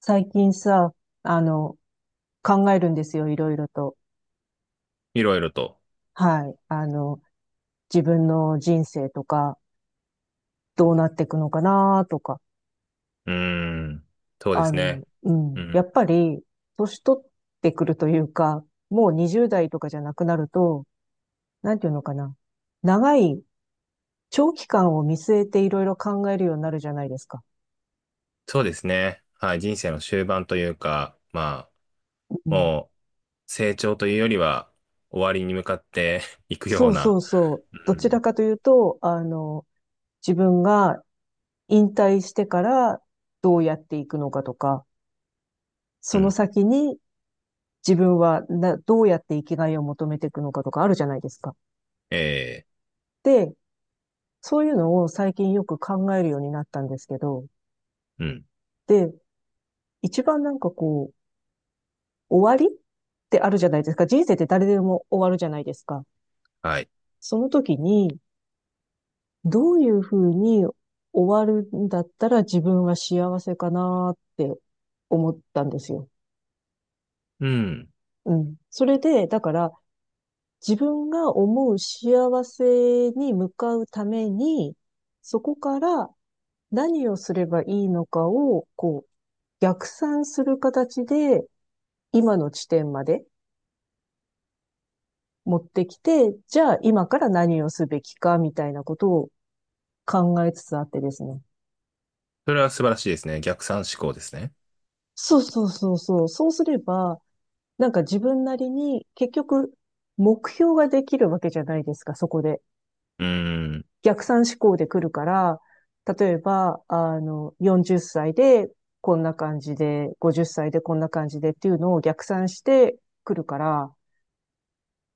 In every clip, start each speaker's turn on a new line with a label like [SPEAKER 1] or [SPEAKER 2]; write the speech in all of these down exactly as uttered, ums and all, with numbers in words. [SPEAKER 1] 最近さ、あの、考えるんですよ、いろいろと。
[SPEAKER 2] いろいろと。
[SPEAKER 1] はい。あの、自分の人生とか、どうなっていくのかなとか。
[SPEAKER 2] うーん。そうで
[SPEAKER 1] あ
[SPEAKER 2] すね。
[SPEAKER 1] の、う
[SPEAKER 2] う
[SPEAKER 1] ん。や
[SPEAKER 2] ん。
[SPEAKER 1] っぱり、年取ってくるというか、もうにじゅうだい代とかじゃなくなると、なんていうのかな。長い、長期間を見据えていろいろ考えるようになるじゃないですか。
[SPEAKER 2] そうですね。はい。人生の終盤というか、ま
[SPEAKER 1] う
[SPEAKER 2] あ、
[SPEAKER 1] ん。
[SPEAKER 2] もう、成長というよりは、終わりに向かって いくよ
[SPEAKER 1] そ
[SPEAKER 2] う
[SPEAKER 1] うそ
[SPEAKER 2] な。
[SPEAKER 1] うそう。
[SPEAKER 2] う
[SPEAKER 1] どちら
[SPEAKER 2] ん。
[SPEAKER 1] かというと、あの、自分が引退してからどうやっていくのかとか、
[SPEAKER 2] う
[SPEAKER 1] その
[SPEAKER 2] ん。
[SPEAKER 1] 先に自分はなどうやって生きがいを求めていくのかとかあるじゃないですか。
[SPEAKER 2] ええ。
[SPEAKER 1] で、そういうのを最近よく考えるようになったんですけど、
[SPEAKER 2] うん。
[SPEAKER 1] で、一番なんかこう、終わりってあるじゃないですか。人生って誰でも終わるじゃないですか。
[SPEAKER 2] はい。
[SPEAKER 1] その時に、どういうふうに終わるんだったら自分は幸せかなって思ったんですよ。
[SPEAKER 2] うん。
[SPEAKER 1] うん。それで、だから、自分が思う幸せに向かうために、そこから何をすればいいのかを、こう、逆算する形で、今の地点まで持ってきて、じゃあ今から何をすべきか、みたいなことを考えつつあってですね。
[SPEAKER 2] それは素晴らしいですね。逆算思考ですね。
[SPEAKER 1] そうそうそうそう。そうすれば、なんか自分なりに結局目標ができるわけじゃないですか、そこで。
[SPEAKER 2] うーん。
[SPEAKER 1] 逆算思考で来るから、例えば、あの、よんじゅっさいでこんな感じで、ごじゅっさいでこんな感じでっていうのを逆算してくるから、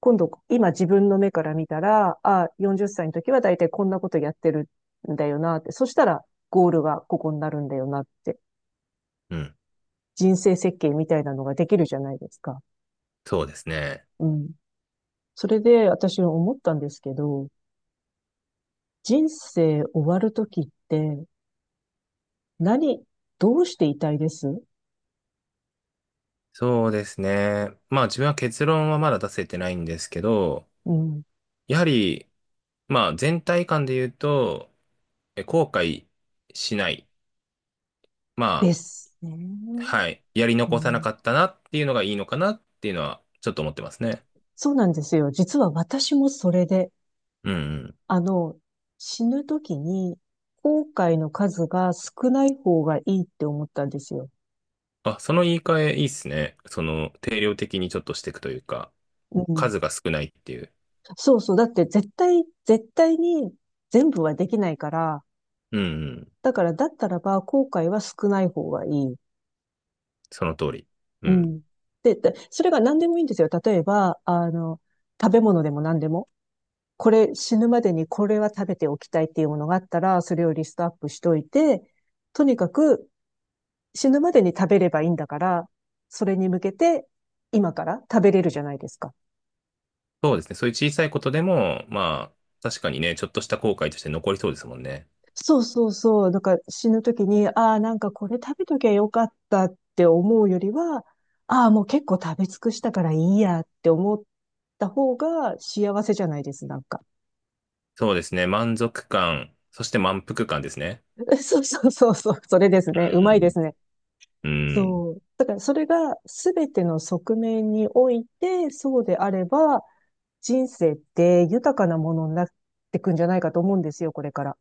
[SPEAKER 1] 今度、今自分の目から見たら、あ、よんじゅっさいの時は大体こんなことやってるんだよなって、そしたらゴールがここになるんだよなって、
[SPEAKER 2] うん。
[SPEAKER 1] 人生設計みたいなのができるじゃないですか。
[SPEAKER 2] そうですね。
[SPEAKER 1] うん。それで私思ったんですけど、人生終わる時って何、どうしていたいです？
[SPEAKER 2] そうですね。まあ自分は結論はまだ出せてないんですけど、
[SPEAKER 1] うん。
[SPEAKER 2] やはり、まあ、全体感で言うと、え後悔しない。ま
[SPEAKER 1] です
[SPEAKER 2] あ、
[SPEAKER 1] ね。
[SPEAKER 2] はい。やり
[SPEAKER 1] う
[SPEAKER 2] 残さな
[SPEAKER 1] ん。
[SPEAKER 2] かったなっていうのがいいのかなっていうのは、ちょっと思ってますね。
[SPEAKER 1] そうなんですよ。実は私もそれで、
[SPEAKER 2] うんうん。
[SPEAKER 1] あの、死ぬ時に後悔の数が少ない方がいいって思ったんですよ。
[SPEAKER 2] あ、その言い換えいいっすね。その、定量的にちょっとしていくというか、
[SPEAKER 1] うん。
[SPEAKER 2] 数が少ないっていう。
[SPEAKER 1] そうそう。だって絶対、絶対に全部はできないから、
[SPEAKER 2] うんうん。
[SPEAKER 1] だからだったらば後悔は少ない方がいい。
[SPEAKER 2] その通り。う
[SPEAKER 1] う
[SPEAKER 2] ん。
[SPEAKER 1] ん。で、でそれが何でもいいんですよ。例えば、あの、食べ物でも何でも。これ死ぬまでにこれは食べておきたいっていうものがあったら、それをリストアップしといて、とにかく死ぬまでに食べればいいんだから、それに向けて今から食べれるじゃないですか。
[SPEAKER 2] そうですね。そういう小さいことでも、まあ、確かにね、ちょっとした後悔として残りそうですもんね。
[SPEAKER 1] そうそうそう。なんか死ぬ時に、ああ、なんかこれ食べときゃよかったって思うよりは、ああ、もう結構食べ尽くしたからいいやって思った方が幸せじゃないです、なんか。
[SPEAKER 2] そうですね。満足感、そして満腹感ですね。
[SPEAKER 1] そうそうそうそう。それです
[SPEAKER 2] う
[SPEAKER 1] ね。うまいで
[SPEAKER 2] ん
[SPEAKER 1] すね。
[SPEAKER 2] うん。うん。
[SPEAKER 1] そう。だからそれが全ての側面において、そうであれば、人生って豊かなものになってくんじゃないかと思うんですよ、これから。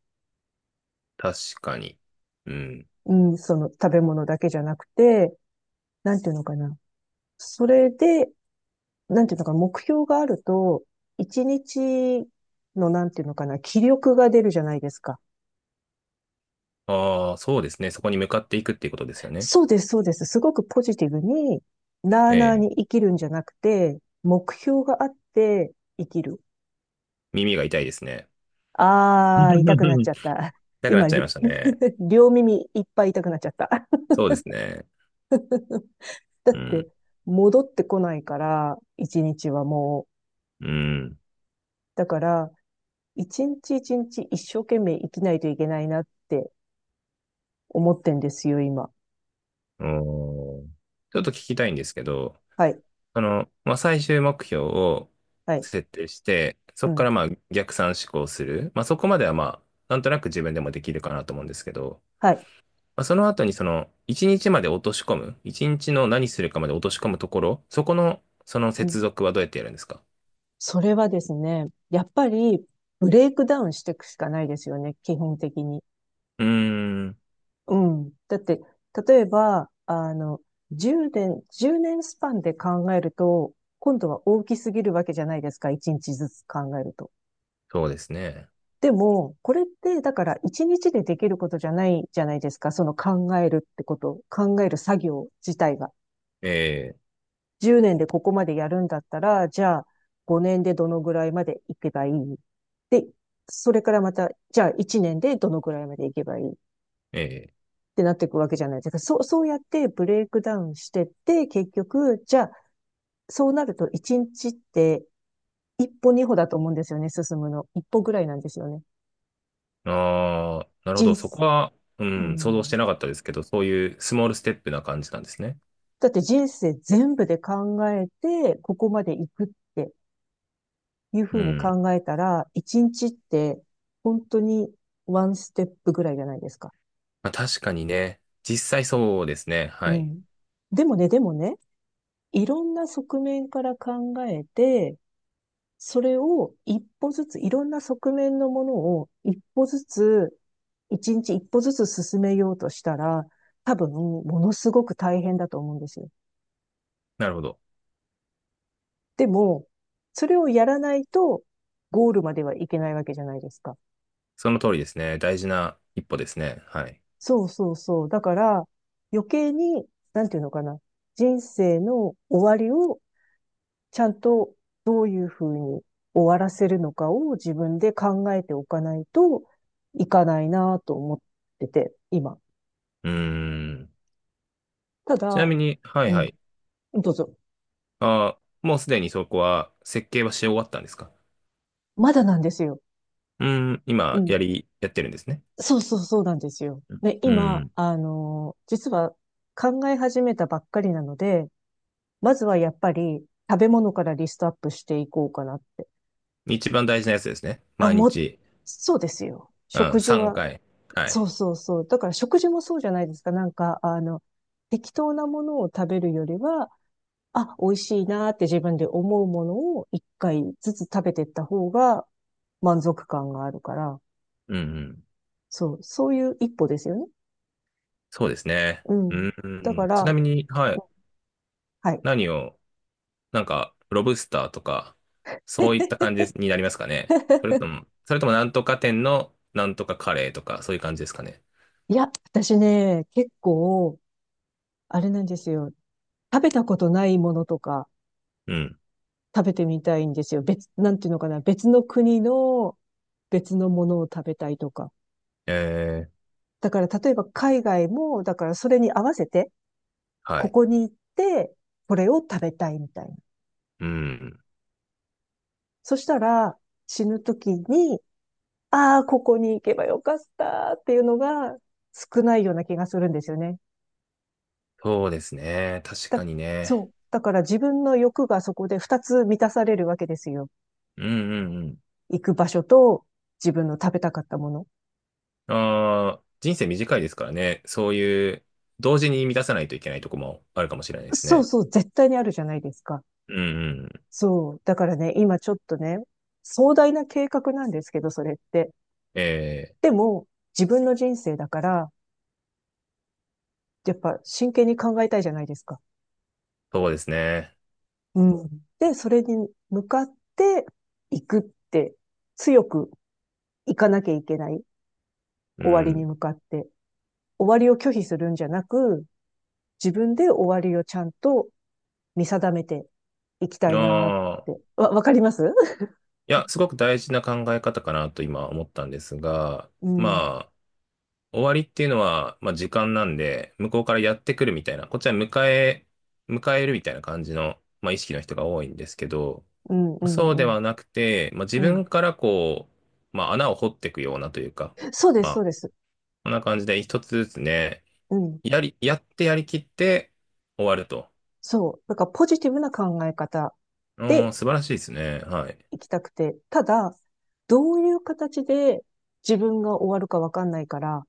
[SPEAKER 2] 確かに。うん。
[SPEAKER 1] うん、その食べ物だけじゃなくて、なんていうのかな。それで、なんていうのかな、目標があると、一日のなんていうのかな、気力が出るじゃないですか。
[SPEAKER 2] ああ、そうですね。そこに向かっていくっていうことですよね。
[SPEAKER 1] そうです、そうです。すごくポジティブに、なあ
[SPEAKER 2] え
[SPEAKER 1] なあ
[SPEAKER 2] え、
[SPEAKER 1] に生きるんじゃなくて、目標があって生きる。
[SPEAKER 2] 耳が痛いですね。
[SPEAKER 1] ああ、痛くなっちゃっ
[SPEAKER 2] 痛
[SPEAKER 1] た。
[SPEAKER 2] くなっ
[SPEAKER 1] 今、
[SPEAKER 2] ちゃいま
[SPEAKER 1] り
[SPEAKER 2] したね。
[SPEAKER 1] 両耳いっぱい痛くなっちゃった。
[SPEAKER 2] そうですね。
[SPEAKER 1] だっ
[SPEAKER 2] う
[SPEAKER 1] て、
[SPEAKER 2] ん。
[SPEAKER 1] 戻ってこないから、一日はもう。
[SPEAKER 2] うん。
[SPEAKER 1] だから、一日一日一生懸命生きないといけないなって思ってんですよ、今。
[SPEAKER 2] おー、ちょっと聞きたいんですけど、
[SPEAKER 1] はい、
[SPEAKER 2] あの、まあ、最終目標を
[SPEAKER 1] はい、
[SPEAKER 2] 設定して、そ
[SPEAKER 1] う
[SPEAKER 2] こか
[SPEAKER 1] ん、
[SPEAKER 2] らまあ逆算思考する。まあ、そこまではまあ、なんとなく自分でもできるかなと思うんですけど、
[SPEAKER 1] はい、
[SPEAKER 2] まあその後にその、一日まで落とし込む、一日の何するかまで落とし込むところ、そこの、その
[SPEAKER 1] うん。
[SPEAKER 2] 接続はどうやってやるんですか？
[SPEAKER 1] それはですね、やっぱり、ブレイクダウンしていくしかないですよね、基本的に。
[SPEAKER 2] うーん、
[SPEAKER 1] うん。だって、例えば、あの、じゅうねん、いちねんスパンで考えると、今度は大きすぎるわけじゃないですか、いちにちずつ考えると。
[SPEAKER 2] そうですね。
[SPEAKER 1] でも、これって、だからいちにちでできることじゃないじゃないですか、その考えるってこと、考える作業自体が。
[SPEAKER 2] ええ、
[SPEAKER 1] じゅうねんでここまでやるんだったら、じゃあごねんでどのぐらいまでいけばいいで、それからまた、じゃあいちねんでどのぐらいまでいけばいい
[SPEAKER 2] ええ。
[SPEAKER 1] ってなっていくわけじゃないですか。そう、そうやってブレイクダウンしてって、結局、じゃあ、そうなるといちにちって一歩二歩だと思うんですよね、進むの。一歩ぐらいなんですよね。
[SPEAKER 2] ああ、なるほ
[SPEAKER 1] 人
[SPEAKER 2] ど。そ
[SPEAKER 1] 生、
[SPEAKER 2] こは、う
[SPEAKER 1] う
[SPEAKER 2] ん、想像し
[SPEAKER 1] ん。
[SPEAKER 2] てなかったですけど、そういうスモールステップな感じなんですね。
[SPEAKER 1] だって人生全部で考えて、ここまで行くっていうふ
[SPEAKER 2] う
[SPEAKER 1] うに
[SPEAKER 2] ん。
[SPEAKER 1] 考えたら、一日って本当にワンステップぐらいじゃないですか。
[SPEAKER 2] まあ、確かにね、実際そうですね。
[SPEAKER 1] う
[SPEAKER 2] はい。
[SPEAKER 1] ん。でもね、でもね、いろんな側面から考えて、それを一歩ずつ、いろんな側面のものを一歩ずつ、一日一歩ずつ進めようとしたら、多分、ものすごく大変だと思うんですよ。
[SPEAKER 2] なるほど。
[SPEAKER 1] でも、それをやらないと、ゴールまではいけないわけじゃないですか。
[SPEAKER 2] その通りですね。大事な一歩ですね。はい。
[SPEAKER 1] そうそうそう。だから、余計に、なんていうのかな。人生の終わりをちゃんとどういうふうに終わらせるのかを自分で考えておかないといかないなと思ってて、今。
[SPEAKER 2] うーん。
[SPEAKER 1] た
[SPEAKER 2] ちな
[SPEAKER 1] だ、
[SPEAKER 2] みに、は
[SPEAKER 1] う
[SPEAKER 2] いは
[SPEAKER 1] ん、
[SPEAKER 2] い。
[SPEAKER 1] どうぞ。
[SPEAKER 2] ああ、もうすでにそこは設計はし終わったんですか？
[SPEAKER 1] まだなんですよ。
[SPEAKER 2] うん、
[SPEAKER 1] う
[SPEAKER 2] 今、
[SPEAKER 1] ん。
[SPEAKER 2] やり、やってるんですね。
[SPEAKER 1] そうそうそうなんですよ。で、
[SPEAKER 2] う
[SPEAKER 1] 今、
[SPEAKER 2] ん。
[SPEAKER 1] あのー実は考え始めたばっかりなので、まずはやっぱり食べ物からリストアップしていこうかなって。
[SPEAKER 2] 一番大事なやつですね。
[SPEAKER 1] あ、
[SPEAKER 2] 毎
[SPEAKER 1] もう、
[SPEAKER 2] 日。
[SPEAKER 1] そうですよ。
[SPEAKER 2] う
[SPEAKER 1] 食
[SPEAKER 2] ん、
[SPEAKER 1] 事
[SPEAKER 2] 3
[SPEAKER 1] は
[SPEAKER 2] 回。は
[SPEAKER 1] そう
[SPEAKER 2] い。
[SPEAKER 1] そうそう。だから食事もそうじゃないですか。なんか、あの、適当なものを食べるよりは、あ、美味しいなって自分で思うものを一回ずつ食べていった方が満足感があるから、
[SPEAKER 2] うん、うん。
[SPEAKER 1] そう、そういう一歩ですよね。
[SPEAKER 2] そうですね。
[SPEAKER 1] う
[SPEAKER 2] う
[SPEAKER 1] ん。
[SPEAKER 2] ん、う
[SPEAKER 1] だか
[SPEAKER 2] ん。
[SPEAKER 1] ら、
[SPEAKER 2] ちなみに、は
[SPEAKER 1] う
[SPEAKER 2] い。
[SPEAKER 1] ん。はい。
[SPEAKER 2] 何を、なんか、ロブスターとか、そういった感 じになりますかね。それとも、それともなんとか店のなんとかカレーとか、そういう感じですかね。
[SPEAKER 1] いや、私ね、結構、あれなんですよ。食べたことないものとか
[SPEAKER 2] うん。
[SPEAKER 1] 食べてみたいんですよ。別、なんていうのかな。別の国の別のものを食べたいとか。
[SPEAKER 2] えー、
[SPEAKER 1] だから例えば海外も、だからそれに合わせて、
[SPEAKER 2] は
[SPEAKER 1] こ
[SPEAKER 2] い。
[SPEAKER 1] こに行って、これを食べたいみたいな。
[SPEAKER 2] うん。
[SPEAKER 1] そしたら、死ぬ時に、ああ、ここに行けばよかったっていうのが少ないような気がするんですよね。
[SPEAKER 2] そうですね。確
[SPEAKER 1] だ、
[SPEAKER 2] かに
[SPEAKER 1] そ
[SPEAKER 2] ね。
[SPEAKER 1] う。だから自分の欲がそこで二つ満たされるわけですよ。
[SPEAKER 2] うん、うん、
[SPEAKER 1] 行く場所と自分の食べたかったもの。
[SPEAKER 2] ああ、人生短いですからね。そういう、同時に満たさないといけないとこもあるかもしれないです
[SPEAKER 1] そう
[SPEAKER 2] ね。
[SPEAKER 1] そう、絶対にあるじゃないですか。
[SPEAKER 2] うんうん。
[SPEAKER 1] そう。だからね、今ちょっとね、壮大な計画なんですけど、それって。
[SPEAKER 2] ええ、
[SPEAKER 1] でも、自分の人生だから、やっぱ真剣に考えたいじゃないですか。
[SPEAKER 2] そうですね。
[SPEAKER 1] うん。で、それに向かっていくって、強くいかなきゃいけない。
[SPEAKER 2] う
[SPEAKER 1] 終わりに
[SPEAKER 2] ん。
[SPEAKER 1] 向かって。終わりを拒否するんじゃなく、自分で終わりをちゃんと見定めていきた
[SPEAKER 2] あ
[SPEAKER 1] いなっ
[SPEAKER 2] あ、
[SPEAKER 1] て。わ、わかります？
[SPEAKER 2] いや、すごく大事な考え方かなと今思ったんですが、
[SPEAKER 1] うん。
[SPEAKER 2] まあ、終わりっていうのは、まあ時間なんで、向こうからやってくるみたいな、こっちは迎え、迎えるみたいな感じの、まあ意識の人が多いんですけど、
[SPEAKER 1] うん、うん、
[SPEAKER 2] そうで
[SPEAKER 1] うん。
[SPEAKER 2] はなくて、まあ自
[SPEAKER 1] うん。
[SPEAKER 2] 分からこう、まあ穴を掘っていくようなというか、
[SPEAKER 1] そうで
[SPEAKER 2] ま
[SPEAKER 1] す、そう
[SPEAKER 2] あ、
[SPEAKER 1] です。
[SPEAKER 2] こんな感じで一つずつね、
[SPEAKER 1] うん。
[SPEAKER 2] やり、やってやりきって終わると。
[SPEAKER 1] そう。だからポジティブな考え方
[SPEAKER 2] う
[SPEAKER 1] で
[SPEAKER 2] ん、素晴らしいですね。はい。
[SPEAKER 1] 行きたくて、ただ、どういう形で自分が終わるかわかんないから、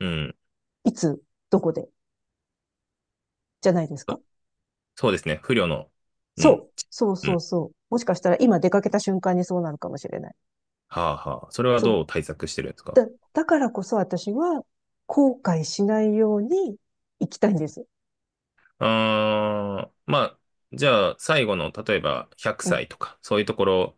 [SPEAKER 2] うん。
[SPEAKER 1] いつ、どこで、じゃないですか？
[SPEAKER 2] そそうですね。不慮の。う
[SPEAKER 1] そ
[SPEAKER 2] ん。
[SPEAKER 1] う。そう
[SPEAKER 2] う
[SPEAKER 1] そう
[SPEAKER 2] ん。
[SPEAKER 1] そう。もしかしたら今出かけた瞬間にそうなるかもしれない。
[SPEAKER 2] はあはあ。それは
[SPEAKER 1] そう。
[SPEAKER 2] どう対策してるんですか？
[SPEAKER 1] だ、だからこそ私は後悔しないように行きたいんです。
[SPEAKER 2] あー、まあ、じゃあ、最後の、例えば100
[SPEAKER 1] うん。
[SPEAKER 2] 歳とか、そういうところ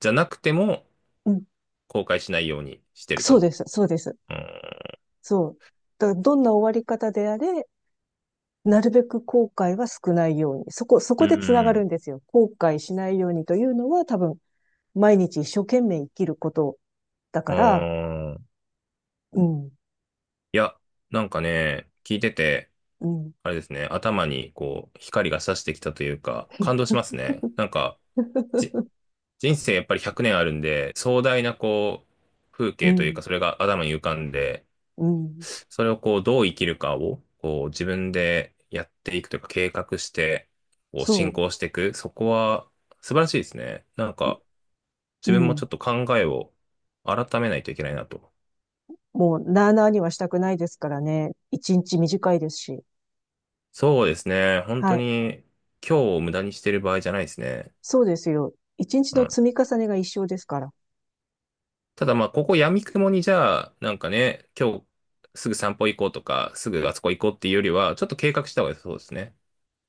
[SPEAKER 2] じゃなくても、
[SPEAKER 1] うん。
[SPEAKER 2] 後悔しないようにしてる
[SPEAKER 1] そう
[SPEAKER 2] と。
[SPEAKER 1] です。そうです。
[SPEAKER 2] うん。
[SPEAKER 1] そう。だからどんな終わり方であれ、なるべく後悔は少ないように。そこ、そ
[SPEAKER 2] う
[SPEAKER 1] こでつなが
[SPEAKER 2] ん。
[SPEAKER 1] るんですよ。後悔しないようにというのは多分毎日一生懸命生きることだ
[SPEAKER 2] あ
[SPEAKER 1] から、
[SPEAKER 2] ー、
[SPEAKER 1] うん、
[SPEAKER 2] いや、なんかね、聞いてて、
[SPEAKER 1] うん、
[SPEAKER 2] あれですね、頭にこう、光が差してきたというか、感動しますね。なんか、じ、人生やっぱりひゃくねんあるんで、壮大なこう、風
[SPEAKER 1] う
[SPEAKER 2] 景という
[SPEAKER 1] ん、
[SPEAKER 2] か、それ が頭に浮かんで、
[SPEAKER 1] うん、
[SPEAKER 2] それをこう、どう生きるかを、こう、自分でやっていくというか、計画して、こう、進
[SPEAKER 1] そ
[SPEAKER 2] 行していく。そこは、素晴らしいですね。なん
[SPEAKER 1] う、
[SPEAKER 2] か、
[SPEAKER 1] う
[SPEAKER 2] 自分もちょ
[SPEAKER 1] ん。
[SPEAKER 2] っと考えを改めないといけないなと。
[SPEAKER 1] もう、なあなあにはしたくないですからね。一日短いですし。
[SPEAKER 2] そうですね、本
[SPEAKER 1] は
[SPEAKER 2] 当
[SPEAKER 1] い。
[SPEAKER 2] に、今日を無駄にしてる場合じゃないですね。
[SPEAKER 1] そうですよ。一日
[SPEAKER 2] う
[SPEAKER 1] の
[SPEAKER 2] ん。
[SPEAKER 1] 積み重ねが一生ですから。
[SPEAKER 2] ただまあ、ここ闇雲にじゃあ、なんかね、今日すぐ散歩行こうとか、すぐあそこ行こうっていうよりは、ちょっと計画した方が良さそうですね。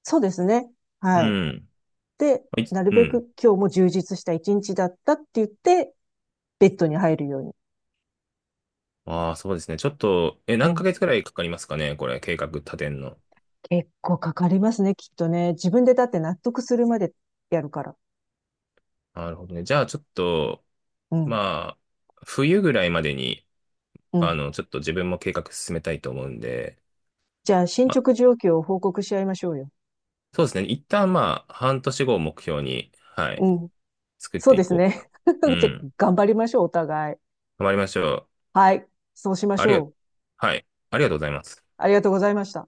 [SPEAKER 1] そうですね。
[SPEAKER 2] う
[SPEAKER 1] はい。
[SPEAKER 2] ん。
[SPEAKER 1] で、
[SPEAKER 2] はい、
[SPEAKER 1] なる
[SPEAKER 2] う
[SPEAKER 1] べ
[SPEAKER 2] ん。
[SPEAKER 1] く今日も充実した一日だったって言って、ベッドに入るように。
[SPEAKER 2] ああ、そうですね。ちょっと、え、
[SPEAKER 1] う
[SPEAKER 2] 何ヶ
[SPEAKER 1] ん。
[SPEAKER 2] 月くらいかかりますかね、これ、計画立てんの？
[SPEAKER 1] 結構かかりますね、きっとね。自分でだって納得するまでやるから。
[SPEAKER 2] なるほどね。じゃあ、ちょっと、
[SPEAKER 1] うん。
[SPEAKER 2] まあ、冬ぐらいまでに、
[SPEAKER 1] う
[SPEAKER 2] あ
[SPEAKER 1] ん。
[SPEAKER 2] の、ちょっと自分も計画進めたいと思うんで、
[SPEAKER 1] じゃあ、進
[SPEAKER 2] まあ、
[SPEAKER 1] 捗状況を報告し合いましょうよ。
[SPEAKER 2] そうですね。一旦まあ、半年後を目標に、はい、
[SPEAKER 1] うん。
[SPEAKER 2] 作っ
[SPEAKER 1] そう
[SPEAKER 2] て
[SPEAKER 1] で
[SPEAKER 2] い
[SPEAKER 1] す
[SPEAKER 2] こうかな。
[SPEAKER 1] ね。
[SPEAKER 2] う
[SPEAKER 1] じゃあ、
[SPEAKER 2] ん。
[SPEAKER 1] 頑張りましょう、お互い。
[SPEAKER 2] 頑張りましょう。
[SPEAKER 1] はい。そうしま
[SPEAKER 2] あ
[SPEAKER 1] し
[SPEAKER 2] りが、
[SPEAKER 1] ょう。
[SPEAKER 2] はい、ありがとうございます。
[SPEAKER 1] ありがとうございました。